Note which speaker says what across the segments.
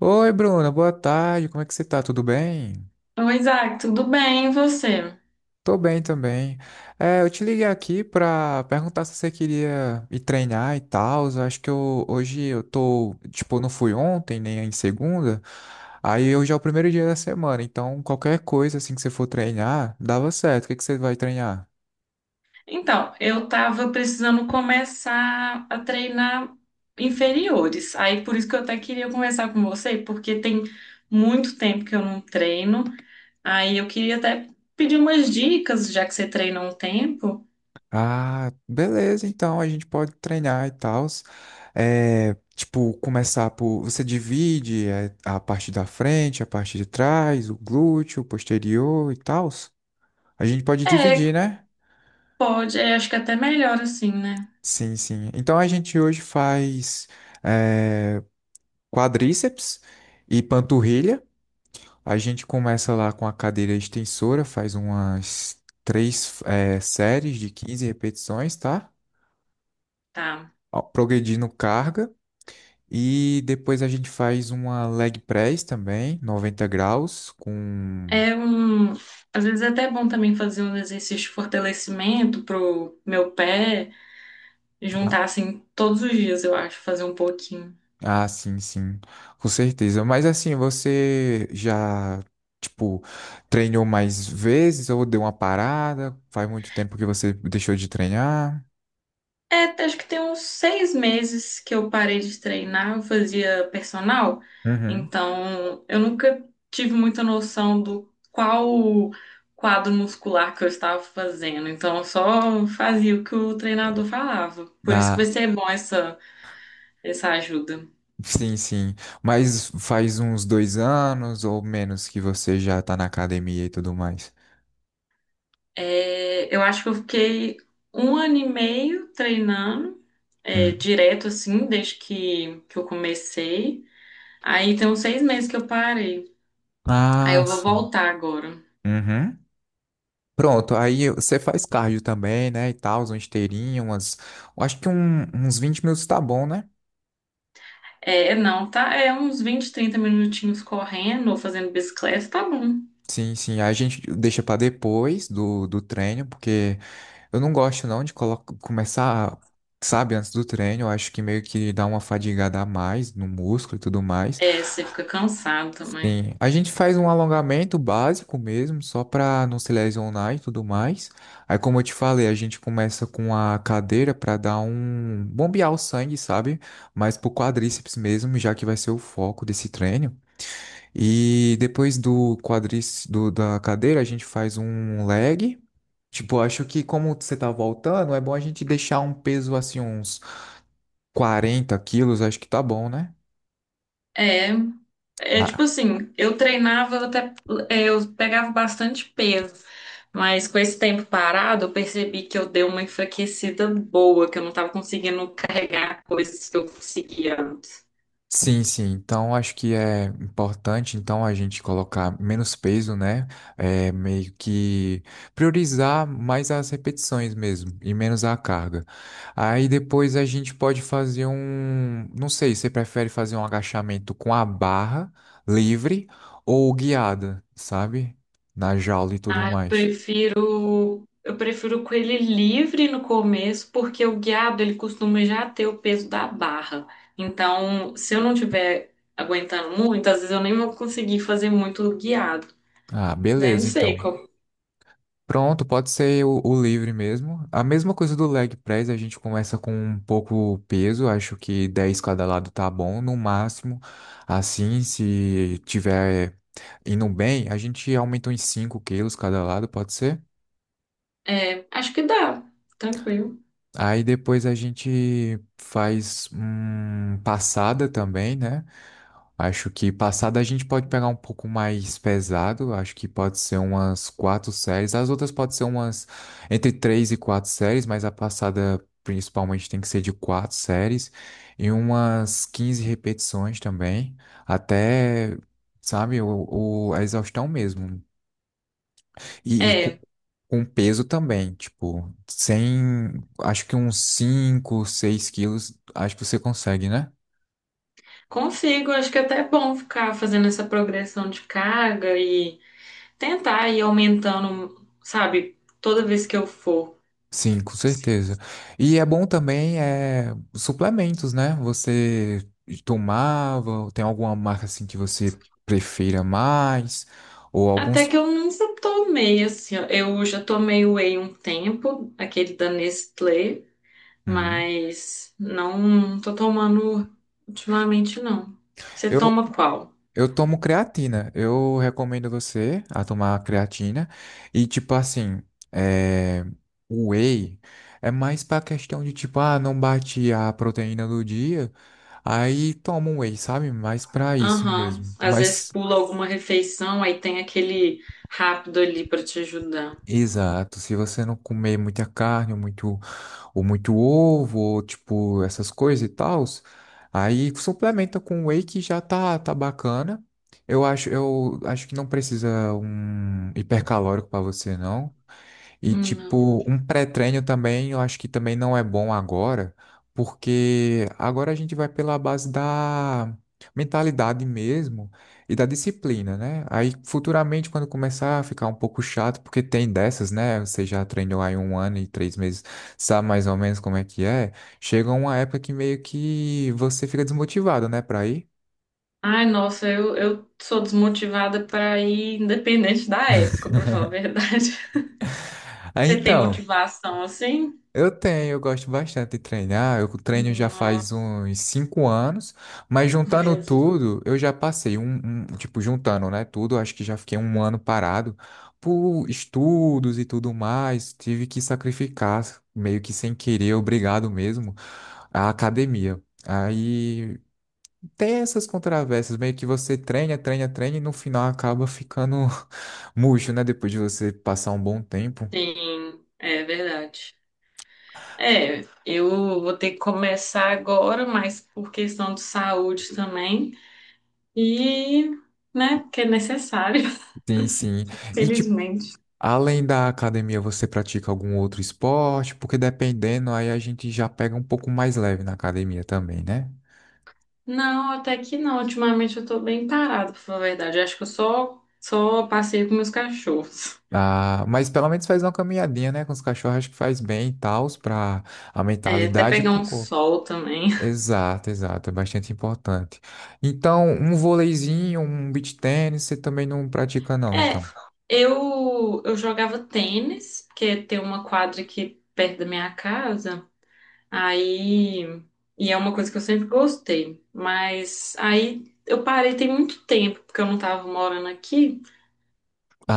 Speaker 1: Oi, Bruna, boa tarde. Como é que você tá? Tudo bem?
Speaker 2: Oi, Isaac, tudo bem? E você?
Speaker 1: Tô bem também. É, eu te liguei aqui pra perguntar se você queria ir treinar e tal. Eu acho que hoje eu tô, tipo, não fui ontem, nem em segunda. Aí hoje é o primeiro dia da semana, então qualquer coisa assim que você for treinar, dava certo. O que que você vai treinar?
Speaker 2: Então, eu tava precisando começar a treinar inferiores. Aí, por isso que eu até queria conversar com você, porque tem muito tempo que eu não treino. Aí, eu queria até pedir umas dicas, já que você treina há um tempo.
Speaker 1: Ah, beleza, então a gente pode treinar e tal. É, tipo, começar por. Você divide a parte da frente, a parte de trás, o glúteo, o posterior e tal. A gente pode dividir,
Speaker 2: É,
Speaker 1: né?
Speaker 2: pode, acho que até melhor assim, né?
Speaker 1: Sim, sim. Então a gente hoje faz é, quadríceps e panturrilha. A gente começa lá com a cadeira extensora, faz umas três séries de 15 repetições, tá?
Speaker 2: Tá.
Speaker 1: Ó, progredindo carga. E depois a gente faz uma leg press também, 90 graus, com.
Speaker 2: É um. Às vezes é até bom também fazer um exercício de fortalecimento pro meu pé,
Speaker 1: Ah,
Speaker 2: juntar assim todos os dias, eu acho, fazer um pouquinho.
Speaker 1: ah, sim, sim, com certeza. Mas assim, você já, tipo, treinou mais vezes ou deu uma parada? Faz muito tempo que você deixou de treinar?
Speaker 2: É, acho que tem uns 6 meses que eu parei de treinar, eu fazia personal,
Speaker 1: Uhum.
Speaker 2: então eu nunca tive muita noção do qual quadro muscular que eu estava fazendo, então eu só fazia o que o treinador falava. Por isso que
Speaker 1: Na...
Speaker 2: vai ser bom essa ajuda.
Speaker 1: Sim, sim. Mas faz uns 2 anos ou menos que você já tá na academia e tudo mais.
Speaker 2: É, eu acho que eu fiquei um ano e meio treinando, é,
Speaker 1: Hum.
Speaker 2: direto assim, desde que eu comecei. Aí tem uns 6 meses que eu parei. Aí
Speaker 1: Ah,
Speaker 2: eu vou
Speaker 1: sim.
Speaker 2: voltar agora.
Speaker 1: Uhum. Pronto, aí você faz cardio também, né, e tal, uma esteirinha, eu acho que uns 20 minutos tá bom, né?
Speaker 2: É, não, tá? É uns 20, 30 minutinhos correndo ou fazendo bicicleta, tá bom.
Speaker 1: Sim, sim, aí a gente deixa pra depois do treino, porque eu não gosto não de começar, sabe, antes do treino, eu acho que meio que dá uma fadigada a mais no músculo e tudo mais.
Speaker 2: É, você fica cansado também.
Speaker 1: Sim, a gente faz um alongamento básico mesmo, só para não se lesionar e tudo mais. Aí, como eu te falei, a gente começa com a cadeira para dar um bombear o sangue, sabe? Mas pro quadríceps mesmo, já que vai ser o foco desse treino. E depois do quadríceps da cadeira, a gente faz um leg. Tipo, acho que como você tá voltando, é bom a gente deixar um peso assim, uns 40 quilos, acho que tá bom, né?
Speaker 2: É, é tipo
Speaker 1: Ah,
Speaker 2: assim, eu treinava até, eu pegava bastante peso, mas com esse tempo parado, eu percebi que eu dei uma enfraquecida boa, que eu não tava conseguindo carregar coisas que eu conseguia.
Speaker 1: sim, sim. Então, acho que é importante, então, a gente colocar menos peso, né? É, meio que priorizar mais as repetições mesmo e menos a carga. Aí depois a gente pode fazer um, não sei, você prefere fazer um agachamento com a barra livre ou guiada, sabe? Na jaula e tudo
Speaker 2: Ah, eu
Speaker 1: mais.
Speaker 2: prefiro, eu prefiro com ele livre no começo, porque o guiado ele costuma já ter o peso da barra. Então, se eu não tiver aguentando muito, às vezes eu nem vou conseguir fazer muito guiado.
Speaker 1: Ah,
Speaker 2: Né? Não
Speaker 1: beleza,
Speaker 2: sei
Speaker 1: então.
Speaker 2: qual.
Speaker 1: Pronto, pode ser o livre mesmo. A mesma coisa do leg press, a gente começa com um pouco peso, acho que 10 cada lado tá bom, no máximo. Assim, se tiver indo bem, a gente aumenta em 5 quilos cada lado, pode ser?
Speaker 2: É, acho que dá, tranquilo.
Speaker 1: Aí depois a gente faz passada também, né? Acho que passada a gente pode pegar um pouco mais pesado. Acho que pode ser umas quatro séries. As outras podem ser umas entre três e quatro séries, mas a passada principalmente tem que ser de quatro séries e umas 15 repetições também, até, sabe, a exaustão mesmo. E
Speaker 2: É,
Speaker 1: com peso também, tipo, sem, acho que uns 5, 6 quilos, acho que você consegue, né?
Speaker 2: consigo, acho que até é bom ficar fazendo essa progressão de carga e tentar ir aumentando, sabe, toda vez que eu for.
Speaker 1: Sim, com certeza. E é bom também suplementos, né? Você tomava, tem alguma marca assim que você prefira mais? Ou
Speaker 2: Até
Speaker 1: alguns.
Speaker 2: que eu nunca tomei, assim, ó. Eu já tomei whey um tempo, aquele da Nestlé,
Speaker 1: Hum.
Speaker 2: mas não tô tomando ultimamente, não. Você
Speaker 1: Eu,
Speaker 2: toma qual?
Speaker 1: eu tomo creatina. Eu recomendo você a tomar creatina. E tipo assim, é, o whey é mais pra questão de tipo, ah, não bate a proteína do dia. Aí toma um whey, sabe? Mais pra isso
Speaker 2: Aham,
Speaker 1: mesmo.
Speaker 2: às vezes
Speaker 1: Mas.
Speaker 2: pula alguma refeição, aí tem aquele rápido ali pra te ajudar.
Speaker 1: Exato, se você não comer muita carne, ou muito ovo, ou tipo, essas coisas e tal, aí suplementa com whey que já tá bacana. Eu acho que não precisa um hipercalórico para você, não. E
Speaker 2: Não.
Speaker 1: tipo, um pré-treino também, eu acho que também não é bom agora, porque agora a gente vai pela base da mentalidade mesmo e da disciplina, né? Aí futuramente, quando começar a ficar um pouco chato, porque tem dessas, né? Você já treinou aí um ano e 3 meses, sabe mais ou menos como é que é. Chega uma época que meio que você fica desmotivado, né, pra ir.
Speaker 2: Ai, nossa, eu sou desmotivada pra ir, independente da época, pra falar a verdade.
Speaker 1: Aí,
Speaker 2: Você tem
Speaker 1: então.
Speaker 2: motivação assim?
Speaker 1: Eu tenho, eu gosto bastante de treinar. Eu treino já
Speaker 2: Não,
Speaker 1: faz uns 5 anos, mas
Speaker 2: meu
Speaker 1: juntando
Speaker 2: Deus.
Speaker 1: tudo, eu já passei tipo, juntando, né, tudo, acho que já fiquei um ano parado por estudos e tudo mais. Tive que sacrificar, meio que sem querer, obrigado mesmo, a academia. Aí tem essas controvérsias, meio que você treina, treina, treina e no final acaba ficando murcho, né? Depois de você passar um bom tempo.
Speaker 2: Sim, é verdade. É, eu vou ter que começar agora, mas por questão de saúde também. E, né, porque é necessário,
Speaker 1: Sim, sim. E tipo,
Speaker 2: felizmente.
Speaker 1: além da academia, você pratica algum outro esporte? Porque dependendo, aí a gente já pega um pouco mais leve na academia também, né?
Speaker 2: Não, até que não. Ultimamente eu tô bem parada, pra falar a verdade. Eu acho que eu só passeio com meus cachorros.
Speaker 1: Ah, mas pelo menos faz uma caminhadinha, né? Com os cachorros, acho que faz bem e tal, para a
Speaker 2: É, até
Speaker 1: mentalidade e
Speaker 2: pegar
Speaker 1: pro
Speaker 2: um
Speaker 1: corpo.
Speaker 2: sol também.
Speaker 1: Exato, exato, é bastante importante. Então, um vôleizinho, um beach tênis, você também não pratica, não,
Speaker 2: É,
Speaker 1: então.
Speaker 2: eu jogava tênis, porque tem uma quadra aqui perto da minha casa. Aí, e é uma coisa que eu sempre gostei, mas aí eu parei tem muito tempo, porque eu não tava morando aqui.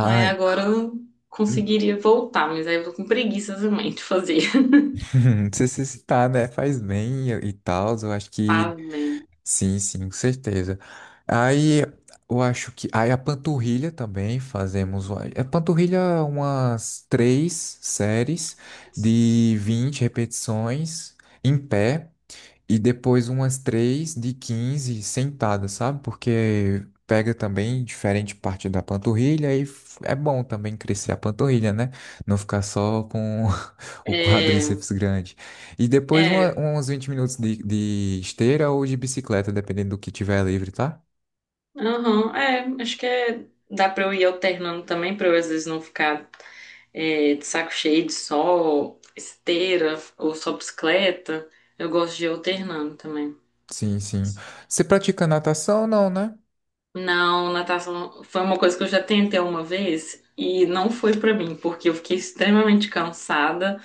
Speaker 2: Aí agora eu conseguiria voltar, mas aí eu tô com preguiça também de fazer.
Speaker 1: não sei se citar, né? Faz bem e tal, eu acho que.
Speaker 2: Faz bem.
Speaker 1: Sim, sim, com certeza. Aí eu acho que. Aí a panturrilha também fazemos. A panturrilha, é umas três séries de 20 repetições em pé e depois umas três de 15 sentadas, sabe? Porque pega também diferente parte da panturrilha e é bom também crescer a panturrilha, né? Não ficar só com o
Speaker 2: É,
Speaker 1: quadríceps grande. E depois
Speaker 2: é,
Speaker 1: uns 20 minutos de esteira ou de bicicleta, dependendo do que tiver livre, tá?
Speaker 2: aham, acho que dá pra eu ir alternando também, pra eu às vezes não ficar, é, de saco cheio de sol, esteira ou só bicicleta. Eu gosto de ir alternando também.
Speaker 1: Sim, sim. Você pratica natação ou não, né?
Speaker 2: Não, natação foi uma coisa que eu já tentei uma vez e não foi pra mim, porque eu fiquei extremamente cansada,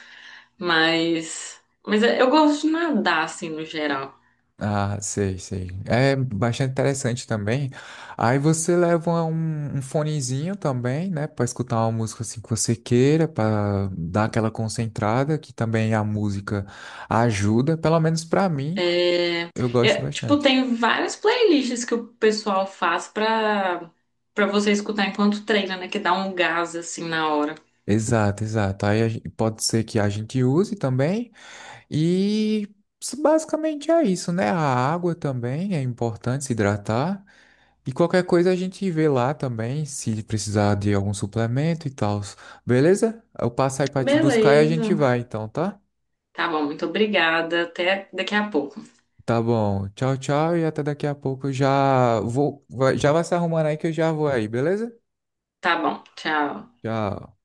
Speaker 2: mas eu gosto de nadar assim no geral.
Speaker 1: Ah, sei, sei. É bastante interessante também. Aí você leva um fonezinho também, né, pra escutar uma música assim que você queira, pra dar aquela concentrada, que também a música ajuda, pelo menos pra mim,
Speaker 2: É,
Speaker 1: eu gosto
Speaker 2: é, tipo,
Speaker 1: bastante.
Speaker 2: tem várias playlists que o pessoal faz pra para você escutar enquanto treina, né, que dá um gás assim na hora.
Speaker 1: Exato, exato. Aí pode ser que a gente use também. E basicamente é isso, né? A água também é importante se hidratar. E qualquer coisa a gente vê lá também, se precisar de algum suplemento e tal. Beleza? Eu passo aí pra te buscar e a gente
Speaker 2: Beleza.
Speaker 1: vai, então, tá?
Speaker 2: Tá bom, muito obrigada. Até daqui a pouco.
Speaker 1: Tá bom. Tchau, tchau. E até daqui a pouco. Eu já vou, já vai se arrumando aí que eu já vou aí, beleza?
Speaker 2: Tá bom, tchau.
Speaker 1: Tchau.